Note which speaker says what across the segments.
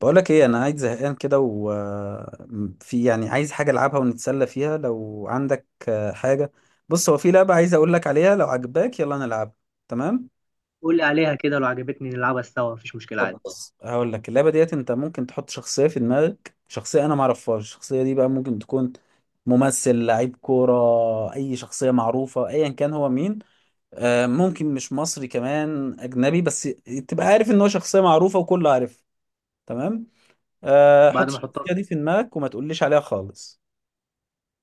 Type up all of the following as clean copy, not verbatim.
Speaker 1: بقولك ايه، انا قاعد زهقان كده وفي يعني عايز حاجه العبها ونتسلى فيها لو عندك، حاجه. بص، هو في لعبه عايز اقول لك عليها، لو عجباك يلا نلعبها. تمام.
Speaker 2: قول لي عليها كده، لو عجبتني نلعبها سوا، مفيش مشكلة
Speaker 1: طب
Speaker 2: عادي.
Speaker 1: بص، هقول لك اللعبه ديت. انت ممكن تحط شخصيه في دماغك، شخصيه انا ما اعرفهاش. الشخصيه دي بقى ممكن تكون ممثل، لعيب كوره، اي شخصيه معروفه ايا كان هو مين. ممكن مش مصري، كمان اجنبي، بس تبقى عارف ان هو شخصيه معروفه وكل عارف. تمام. حط
Speaker 2: بعد ما احطها،
Speaker 1: الشخصية دي في دماغك وما تقوليش عليها خالص.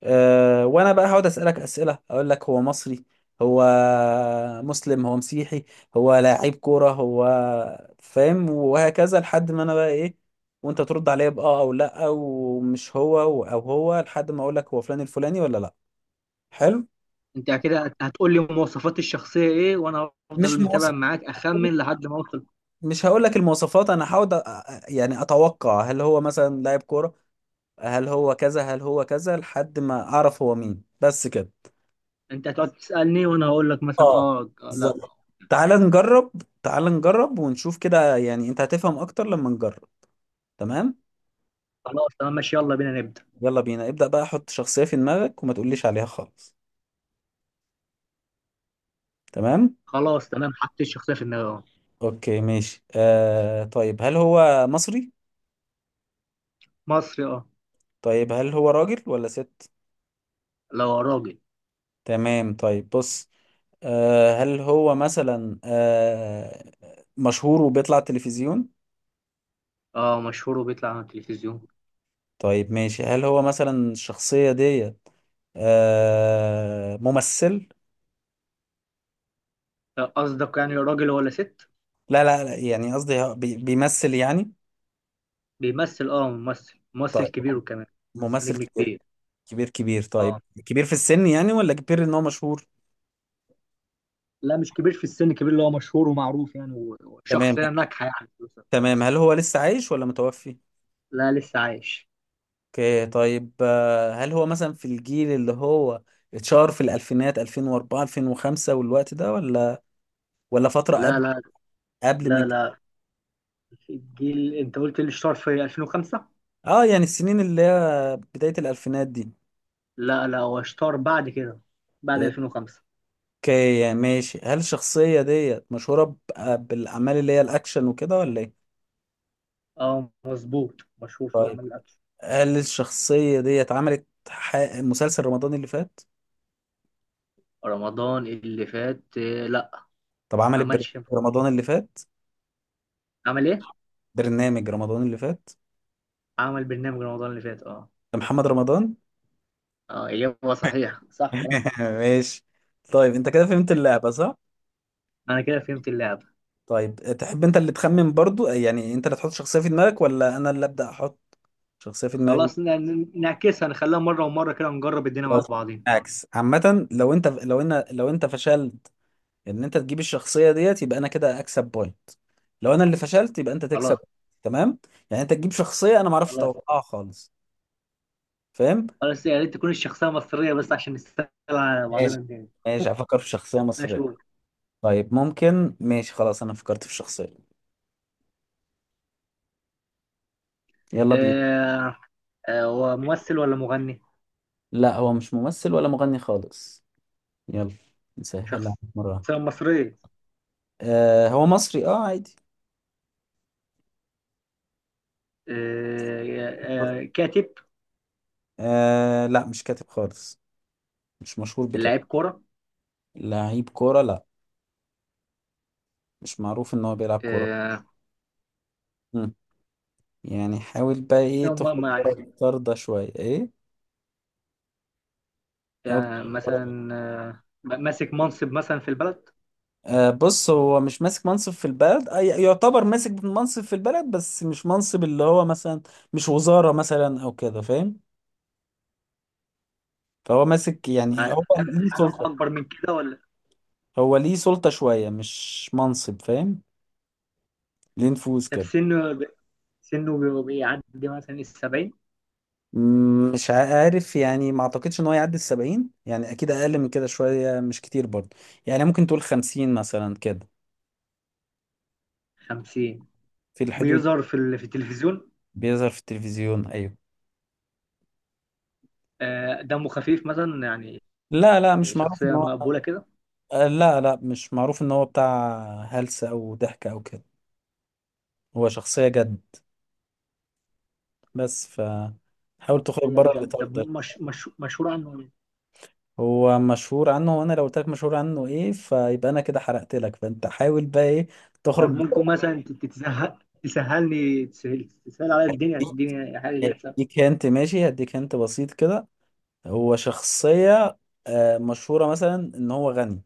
Speaker 1: أه، وانا بقى هقعد اسالك اسئله، اقول لك هو مصري؟ هو مسلم؟ هو مسيحي؟ هو لاعب كوره؟ هو فاهم؟ وهكذا لحد ما انا بقى ايه، وانت ترد عليا باه او لا، ومش هو او هو، لحد ما اقول لك هو فلان الفلاني ولا لا. حلو.
Speaker 2: انت كده هتقول لي مواصفات الشخصية ايه وانا
Speaker 1: مش
Speaker 2: هفضل متابع
Speaker 1: مواصف
Speaker 2: معاك اخمن لحد ما اوصل.
Speaker 1: مش هقول لك المواصفات، انا هحاول يعني اتوقع هل هو مثلا لاعب كوره، هل هو كذا، هل هو كذا لحد ما اعرف هو مين، بس كده.
Speaker 2: انت هتقعد تسألني وانا هقول لك مثلا
Speaker 1: اه،
Speaker 2: اه، لا.
Speaker 1: بالظبط. تعال نجرب. تعال نجرب ونشوف كده، يعني انت هتفهم اكتر لما نجرب. تمام.
Speaker 2: خلاص تمام ماشي، يلا بينا نبدأ.
Speaker 1: يلا بينا، ابدأ بقى، حط شخصية في دماغك وما تقوليش عليها خالص. تمام.
Speaker 2: خلاص تمام، حطيت الشخصية في دماغي. اه
Speaker 1: اوكي ماشي. طيب، هل هو مصري؟
Speaker 2: مصري اه.
Speaker 1: طيب هل هو راجل ولا ست؟
Speaker 2: لو راجل
Speaker 1: تمام، طيب بص. هل هو مثلا مشهور وبيطلع التلفزيون؟
Speaker 2: اه مشهور وبيطلع على التلفزيون.
Speaker 1: طيب ماشي، هل هو مثلا الشخصية دي ممثل؟
Speaker 2: قصدك يعني راجل ولا ست؟
Speaker 1: لا لا لا، يعني قصدي هو بيمثل يعني.
Speaker 2: بيمثل اه، ممثل ممثل
Speaker 1: طيب،
Speaker 2: كبير وكمان، بس
Speaker 1: ممثل
Speaker 2: نجم
Speaker 1: كبير.
Speaker 2: كبير
Speaker 1: كبير كبير،
Speaker 2: اه.
Speaker 1: طيب. كبير في السن يعني، ولا كبير ان هو مشهور؟
Speaker 2: لا، مش كبير في السن، كبير اللي هو مشهور ومعروف يعني،
Speaker 1: تمام.
Speaker 2: وشخصية ناجحة يعني في وسط الفن.
Speaker 1: تمام، هل هو لسه عايش ولا متوفي؟
Speaker 2: لا لسه عايش.
Speaker 1: اوكي طيب، هل هو مثلا في الجيل اللي هو اتشهر في الالفينات 2004 2005 والوقت ده، ولا فترة
Speaker 2: لا
Speaker 1: قبل،
Speaker 2: لا.
Speaker 1: قبل من
Speaker 2: لا
Speaker 1: كده؟
Speaker 2: لا الجيل انت قلت اللي اشتهر في 2005.
Speaker 1: اه، يعني السنين اللي هي بداية الالفينات دي.
Speaker 2: لا، هو اشتهر بعد كده، بعد 2005.
Speaker 1: اوكي ماشي، هل الشخصية ديت مشهورة بالاعمال اللي هي الاكشن وكده ولا ايه؟
Speaker 2: اه مظبوط، مشهور في
Speaker 1: طيب،
Speaker 2: الأعمال الأكشن.
Speaker 1: هل الشخصية ديت عملت مسلسل رمضان اللي فات؟
Speaker 2: رمضان اللي فات، لا.
Speaker 1: طب
Speaker 2: ما
Speaker 1: عملت برنامج
Speaker 2: عملش.
Speaker 1: رمضان اللي فات؟
Speaker 2: عمل ايه؟
Speaker 1: برنامج رمضان اللي فات؟
Speaker 2: عمل برنامج رمضان اللي فات اه.
Speaker 1: ده محمد رمضان؟
Speaker 2: اه، إجابة صحيحة، صح كلام.
Speaker 1: ماشي. طيب انت كده فهمت اللعبة صح؟
Speaker 2: أنا كده فهمت اللعبة.
Speaker 1: طيب، تحب انت اللي تخمن برضو؟ يعني انت اللي تحط شخصية في دماغك، ولا انا اللي ابدأ احط شخصية في دماغي؟
Speaker 2: خلاص نعكسها، نخليها مرة ومرة، كده نجرب الدنيا مع
Speaker 1: خلاص.
Speaker 2: بعضين.
Speaker 1: عكس. عامة، لو انت لو انا لو انت فشلت ان انت تجيب الشخصية ديت يبقى انا كده اكسب بوينت، لو انا اللي فشلت يبقى انت
Speaker 2: خلاص.
Speaker 1: تكسب. تمام؟ يعني انت تجيب شخصية انا ما اعرفش
Speaker 2: خلاص.
Speaker 1: اتوقعها خالص، فاهم؟
Speaker 2: بس يا ريت تكون الشخصية مصرية بس، عشان نستغل على
Speaker 1: ماشي.
Speaker 2: بعضنا تاني.
Speaker 1: ماشي، افكر في شخصية
Speaker 2: ماشي
Speaker 1: مصرية.
Speaker 2: قول.
Speaker 1: طيب ممكن. ماشي خلاص، انا فكرت في شخصية. يلا بينا.
Speaker 2: آه. آه هو ممثل ولا مغني؟
Speaker 1: لا، هو مش ممثل ولا مغني خالص. يلا، نسهل
Speaker 2: شخصية
Speaker 1: عليك مرة.
Speaker 2: مصرية.
Speaker 1: هو مصري، اه، عادي.
Speaker 2: آه، آه كاتب.
Speaker 1: لا، مش كاتب خالص، مش مشهور بكده.
Speaker 2: لاعب كورة.
Speaker 1: لعيب كورة لا، مش معروف ان هو بيلعب كورة.
Speaker 2: آه.
Speaker 1: مم. يعني حاول بقى ايه
Speaker 2: هم-
Speaker 1: تخرج
Speaker 2: ما-
Speaker 1: بره الإطار ده شوية، ايه. حاول.
Speaker 2: يعني مثلا آه ماسك منصب مثلا في البلد.
Speaker 1: بص، هو مش ماسك منصب في البلد، يعتبر ماسك منصب في البلد، بس مش منصب اللي هو مثلا مش وزارة مثلا او كده، فاهم؟ فهو ماسك، يعني
Speaker 2: يعني
Speaker 1: هو
Speaker 2: حاجة
Speaker 1: ليه
Speaker 2: حاجة
Speaker 1: سلطة،
Speaker 2: أكبر من كده ولا؟
Speaker 1: هو ليه سلطة شوية، مش منصب، فاهم؟ ليه نفوذ
Speaker 2: طب
Speaker 1: كده.
Speaker 2: سنه، سنه بيعدي مثلا 70.
Speaker 1: مش عارف يعني، ما اعتقدش ان هو يعدي 70، يعني اكيد اقل من كده شوية، مش كتير برضه. يعني ممكن تقول 50 مثلا كده،
Speaker 2: 50.
Speaker 1: في الحدود.
Speaker 2: بيظهر في في التلفزيون.
Speaker 1: بيظهر في التلفزيون، ايوه.
Speaker 2: آه دمه خفيف مثلا يعني.
Speaker 1: لا لا، مش معروف.
Speaker 2: شخصية مقبولة كده.
Speaker 1: لا لا، مش معروف ان هو بتاع هلس او ضحك او كده، هو شخصية جد. بس حاول تخرج
Speaker 2: شخصية
Speaker 1: بره
Speaker 2: بجد،
Speaker 1: الاطار
Speaker 2: طب
Speaker 1: ده.
Speaker 2: مش مشهور عنه ايه؟
Speaker 1: هو مشهور عنه، وانا لو قلت لك مشهور عنه ايه فيبقى انا كده حرقت لك. فانت حاول بقى ايه تخرج
Speaker 2: طب ممكن
Speaker 1: بره.
Speaker 2: مثلا تتسهل، تسهلني، تسهل عليا الدنيا، تديني حاجة كده تسهل.
Speaker 1: اديك هنت، ماشي؟ هديك هنت بسيط كده. هو شخصية مشهورة مثلا ان هو غني.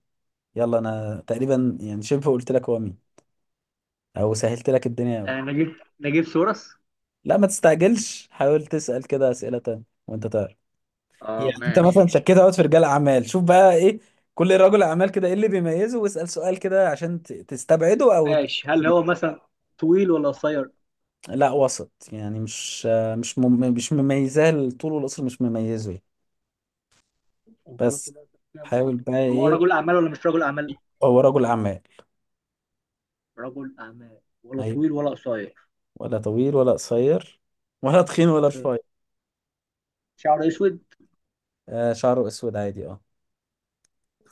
Speaker 1: يلا، انا تقريبا يعني شبه قلت لك هو مين، او سهلت لك الدنيا قوي.
Speaker 2: آه، نجيب نجيب سورس.
Speaker 1: لا، ما تستعجلش، حاول تسأل كده اسئلة تانية وانت تعرف،
Speaker 2: اه
Speaker 1: يعني انت مثلا
Speaker 2: ماشي.
Speaker 1: شكيت اهوت في رجال اعمال، شوف بقى ايه كل رجل اعمال كده ايه اللي بيميزه، واسال سؤال كده عشان تستبعده او.
Speaker 2: ماشي، هل هو مثلا طويل ولا قصير؟
Speaker 1: لا وسط يعني، مش مميزاه الطول والقصر، مش مميزه يعني.
Speaker 2: انت قلت
Speaker 1: بس
Speaker 2: بقى كده
Speaker 1: حاول
Speaker 2: صح.
Speaker 1: بقى
Speaker 2: هو
Speaker 1: ايه.
Speaker 2: رجل أعمال ولا مش رجل أعمال؟
Speaker 1: هو رجل اعمال،
Speaker 2: رجل أعمال، ولا
Speaker 1: ايوه.
Speaker 2: طويل ولا قصير.
Speaker 1: ولا طويل ولا قصير، ولا تخين ولا
Speaker 2: إيه.
Speaker 1: رفيع.
Speaker 2: شعره أسود.
Speaker 1: شعره اسود عادي، اه.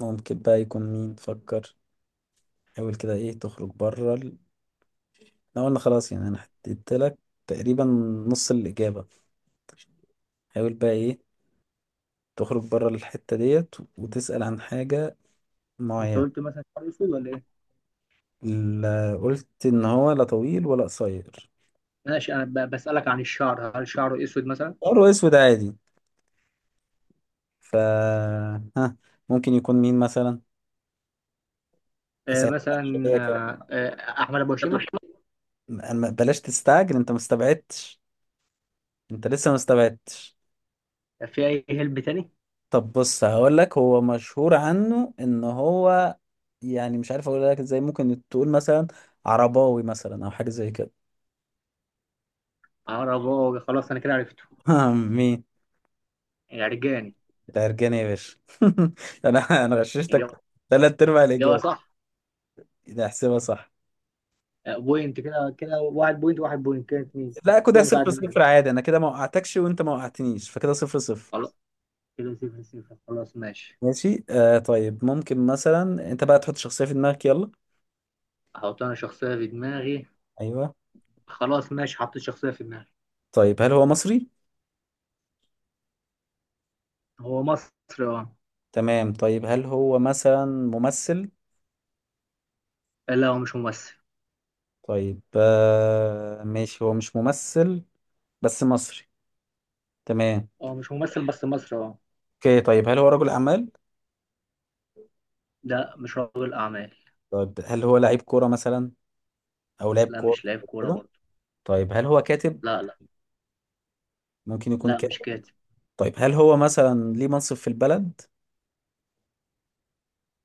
Speaker 1: ممكن بقى يكون مين، فكر، حاول كده ايه تخرج بره احنا قلنا خلاص، يعني انا حددت لك تقريبا نص الاجابه. حاول بقى ايه تخرج بره الحتة ديت وتسأل عن حاجة
Speaker 2: انت
Speaker 1: معينة.
Speaker 2: قلت مثلا شعره أسود ولا إيه؟
Speaker 1: لا، قلت ان هو لا طويل ولا قصير.
Speaker 2: ماشي، أنا بسألك عن الشعر، هل شعره أسود مثلا؟
Speaker 1: حمار واسود عادي. ف ها، ممكن يكون مين مثلا.
Speaker 2: آه
Speaker 1: هسألك
Speaker 2: مثلا،
Speaker 1: شوية
Speaker 2: آه أحمد أبو هشيمة.
Speaker 1: كمان، بلاش تستعجل، انت ما استبعدتش، انت لسه ما استبعدتش.
Speaker 2: في أي هلب تاني؟
Speaker 1: طب بص، هقول لك هو مشهور عنه ان هو، يعني مش عارف اقول لك ازاي، ممكن تقول مثلا عرباوي مثلا، او حاجة زي كده.
Speaker 2: عرباوي، خلاص انا كده عرفته.
Speaker 1: مين؟
Speaker 2: عرجاني.
Speaker 1: انت هرجاني يا باشا. انا، غششتك
Speaker 2: اجابه.
Speaker 1: ثلاث ارباع
Speaker 2: اجابه
Speaker 1: الاجابه.
Speaker 2: صح.
Speaker 1: ده احسبها صح.
Speaker 2: آه، بوينت كده، كده، واحد بوينت، واحد بوينت كده اتنين.
Speaker 1: لا، كده
Speaker 2: كده
Speaker 1: صفر
Speaker 2: متعادلين،
Speaker 1: صفر عادي، انا كده ما وقعتكش وانت ما وقعتنيش، فكده صفر صفر.
Speaker 2: خلاص، كده صفر صفر. خلاص ماشي.
Speaker 1: ماشي، طيب، ممكن مثلا انت بقى تحط شخصيه في دماغك، يلا.
Speaker 2: احط انا شخصيه في دماغي.
Speaker 1: ايوه.
Speaker 2: خلاص ماشي، حطيت شخصيه في دماغي.
Speaker 1: طيب هل هو مصري؟
Speaker 2: هو مصري اه.
Speaker 1: تمام، طيب هل هو مثلا ممثل؟
Speaker 2: لا هو مش ممثل.
Speaker 1: طيب، ماشي، هو مش ممثل، بس مصري، تمام.
Speaker 2: هو مش ممثل بس مصري اه.
Speaker 1: اوكي طيب، هل هو رجل اعمال؟
Speaker 2: لا مش رجل اعمال.
Speaker 1: طيب هل هو لعيب كوره مثلا، او لاعب
Speaker 2: لا
Speaker 1: كوره،
Speaker 2: مش لاعب كوره
Speaker 1: كده؟
Speaker 2: برضه.
Speaker 1: طيب هل هو كاتب،
Speaker 2: لا.
Speaker 1: ممكن يكون؟
Speaker 2: لا مش كاتب.
Speaker 1: طيب هل هو مثلا ليه منصب في البلد؟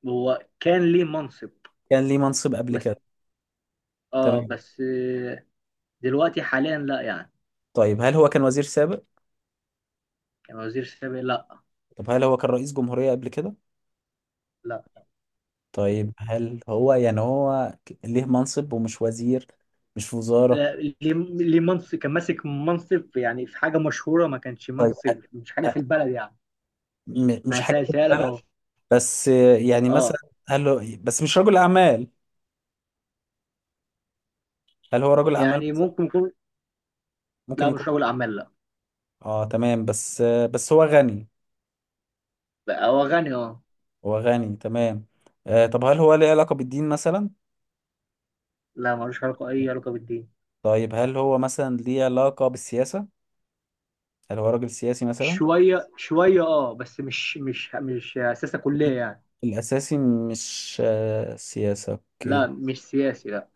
Speaker 2: هو كان ليه منصب
Speaker 1: كان ليه منصب قبل
Speaker 2: بس.
Speaker 1: كده،
Speaker 2: اه
Speaker 1: تمام.
Speaker 2: بس دلوقتي حاليا لا يعني.
Speaker 1: طيب هل هو كان وزير سابق؟
Speaker 2: كان وزير سابق لا.
Speaker 1: طب هل هو كان رئيس جمهورية قبل كده؟
Speaker 2: لا.
Speaker 1: طيب هل هو يعني هو ليه منصب ومش وزير، مش في وزارة؟
Speaker 2: ليه منصب، كان ماسك منصب يعني في حاجه مشهوره، ما كانش
Speaker 1: طيب
Speaker 2: منصب مش حاجه
Speaker 1: أ-
Speaker 2: في البلد يعني.
Speaker 1: مش
Speaker 2: انا
Speaker 1: حاجة في
Speaker 2: سالتها لك
Speaker 1: البلد.
Speaker 2: اهو.
Speaker 1: بس يعني مثلا،
Speaker 2: اه
Speaker 1: هل هو بس مش رجل أعمال، هل هو رجل أعمال
Speaker 2: يعني
Speaker 1: مثلا؟
Speaker 2: ممكن يكون.
Speaker 1: ممكن
Speaker 2: لا
Speaker 1: يكون.
Speaker 2: مش رجل اعمال لا.
Speaker 1: اه تمام، بس هو غني.
Speaker 2: بقى هو غني اه.
Speaker 1: هو غني، تمام. طب، هل هو ليه علاقة بالدين مثلا؟
Speaker 2: لا ملوش علاقه، اي علاقه بالدين.
Speaker 1: طيب هل هو مثلا ليه علاقة بالسياسة؟ هل هو راجل سياسي مثلا؟
Speaker 2: شويه شويه اه، بس مش مش سياسه كليه يعني.
Speaker 1: الأساسي مش سياسة، أوكي.
Speaker 2: لا مش سياسي لا.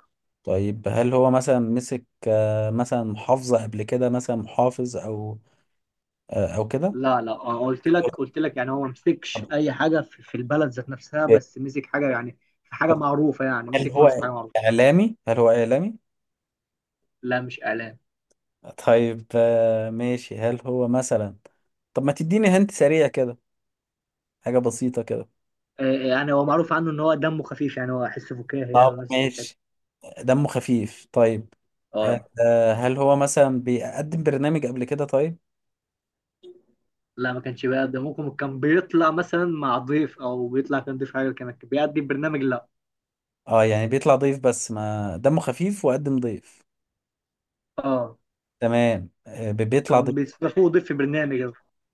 Speaker 1: طيب هل هو مثلا مسك مثلا محافظة قبل كده، مثلا محافظ أو أو كده.
Speaker 2: لا لا، قلت لك يعني هو ما
Speaker 1: طب
Speaker 2: مسكش اي حاجه في البلد ذات نفسها، بس مسك حاجه يعني في حاجه
Speaker 1: طب
Speaker 2: معروفه يعني،
Speaker 1: هل
Speaker 2: مسك
Speaker 1: هو
Speaker 2: منصب حاجه معروفه.
Speaker 1: هل هو إعلامي؟
Speaker 2: لا مش اعلام.
Speaker 1: طيب، ماشي، هل هو مثلا. طب ما تديني هنت سريع كده، حاجة بسيطة كده.
Speaker 2: آه، يعني هو معروف عنه ان هو دمه خفيف يعني، هو حس فكاهي يعني
Speaker 1: طب
Speaker 2: والناس بتحبه.
Speaker 1: ماشي، دمه خفيف، طيب.
Speaker 2: اه
Speaker 1: هل هو مثلا بيقدم برنامج قبل كده، طيب؟
Speaker 2: لا، ما كانش بيقدم، ممكن كان بيطلع مثلا مع ضيف، او بيطلع كان ضيف حاجه، كان بيقدم برنامج لا.
Speaker 1: اه، يعني بيطلع ضيف، بس ما دمه خفيف وقدم ضيف.
Speaker 2: اه
Speaker 1: تمام، بيطلع
Speaker 2: كان
Speaker 1: ضيف.
Speaker 2: بيستضيفوه ضيف في برنامج.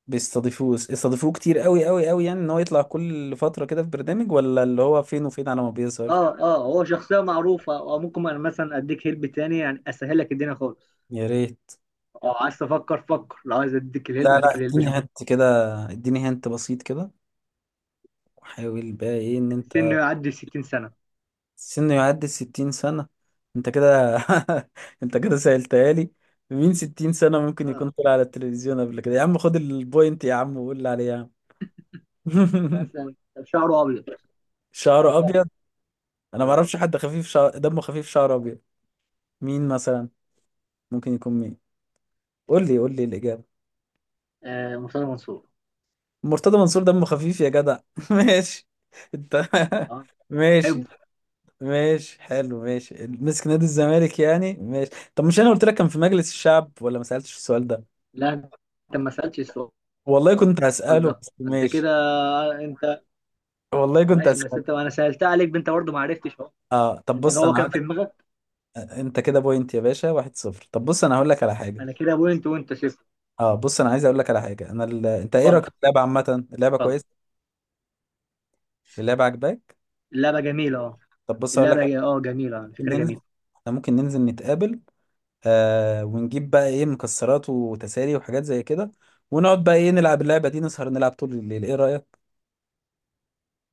Speaker 1: بيستضيفوه، استضيفوه كتير قوي قوي قوي، يعني ان هو يطلع كل فترة كده في برنامج، ولا اللي هو فين وفين على ما بيظهر.
Speaker 2: اه. اه هو شخصيه معروفه، او ممكن انا مثلا اديك هلب تاني، يعني اسهلك الدنيا خالص.
Speaker 1: يا ريت.
Speaker 2: اه عايز تفكر فكر، لو عايز اديك
Speaker 1: لا
Speaker 2: الهلب
Speaker 1: لا،
Speaker 2: اديك الهلب،
Speaker 1: اديني
Speaker 2: شوف.
Speaker 1: هنت كده، اديني هنت بسيط كده، وحاول بقى ايه ان انت.
Speaker 2: سنه يعدي 60 سنه.
Speaker 1: سنه يعدي 60 سنة؟ انت كده انت كده سألتها لي. مين 60 سنة ممكن
Speaker 2: اه
Speaker 1: يكون طلع على التلفزيون قبل كده؟ يا عم خد البوينت يا عم، وقول لي عليه يا عم.
Speaker 2: مثلا شعره ابيض.
Speaker 1: شعره
Speaker 2: شكله
Speaker 1: ابيض. انا ما
Speaker 2: اه.
Speaker 1: اعرفش حد خفيف دمه خفيف شعره ابيض. مين مثلا، ممكن يكون مين؟ قول لي الإجابة.
Speaker 2: آه، مرتضى منصور.
Speaker 1: مرتضى منصور دمه خفيف يا جدع؟ ماشي. انت.
Speaker 2: اه حلو.
Speaker 1: ماشي. ماشي حلو، ماشي مسك نادي الزمالك، يعني ماشي. طب مش انا قلت لك كان في مجلس الشعب، ولا ما سألتش السؤال ده؟
Speaker 2: لا انت ما سالتش السؤال
Speaker 1: والله كنت هسأله،
Speaker 2: ده.
Speaker 1: بس
Speaker 2: انت
Speaker 1: ماشي.
Speaker 2: كده، انت
Speaker 1: والله كنت
Speaker 2: ماشي، بس
Speaker 1: هسأله.
Speaker 2: انت، انا سألتها عليك انت برضه ما عرفتش اهو.
Speaker 1: اه، طب
Speaker 2: انت
Speaker 1: بص
Speaker 2: هو
Speaker 1: انا
Speaker 2: كان
Speaker 1: هقول
Speaker 2: في
Speaker 1: لك،
Speaker 2: دماغك.
Speaker 1: انت كده بوينت يا باشا، 1-0. طب بص انا هقول لك على حاجة.
Speaker 2: انا كده بوينت وانت صفر.
Speaker 1: اه بص، انا عايز اقول لك على حاجة انا انت ايه رأيك في
Speaker 2: اتفضل.
Speaker 1: اللعبة عامة؟ اللعبة
Speaker 2: اتفضل.
Speaker 1: كويسة؟ اللعبة عجباك؟
Speaker 2: اللعبه جميله اه.
Speaker 1: طب بص اقول لك
Speaker 2: اه جميله،
Speaker 1: ممكن
Speaker 2: فكره
Speaker 1: ننزل،
Speaker 2: جميله.
Speaker 1: احنا ممكن ننزل نتقابل، ونجيب بقى ايه مكسرات وتسالي وحاجات زي كده، ونقعد بقى ايه نلعب اللعبة دي، نسهر نلعب طول الليل، ايه رأيك؟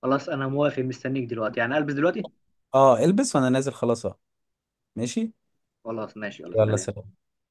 Speaker 2: خلاص انا موافق، مستنيك دلوقتي يعني، البس دلوقتي.
Speaker 1: اه، البس وانا نازل، خلاص اهو. ماشي.
Speaker 2: خلاص ماشي، يلا
Speaker 1: يلا
Speaker 2: سلام.
Speaker 1: سلام.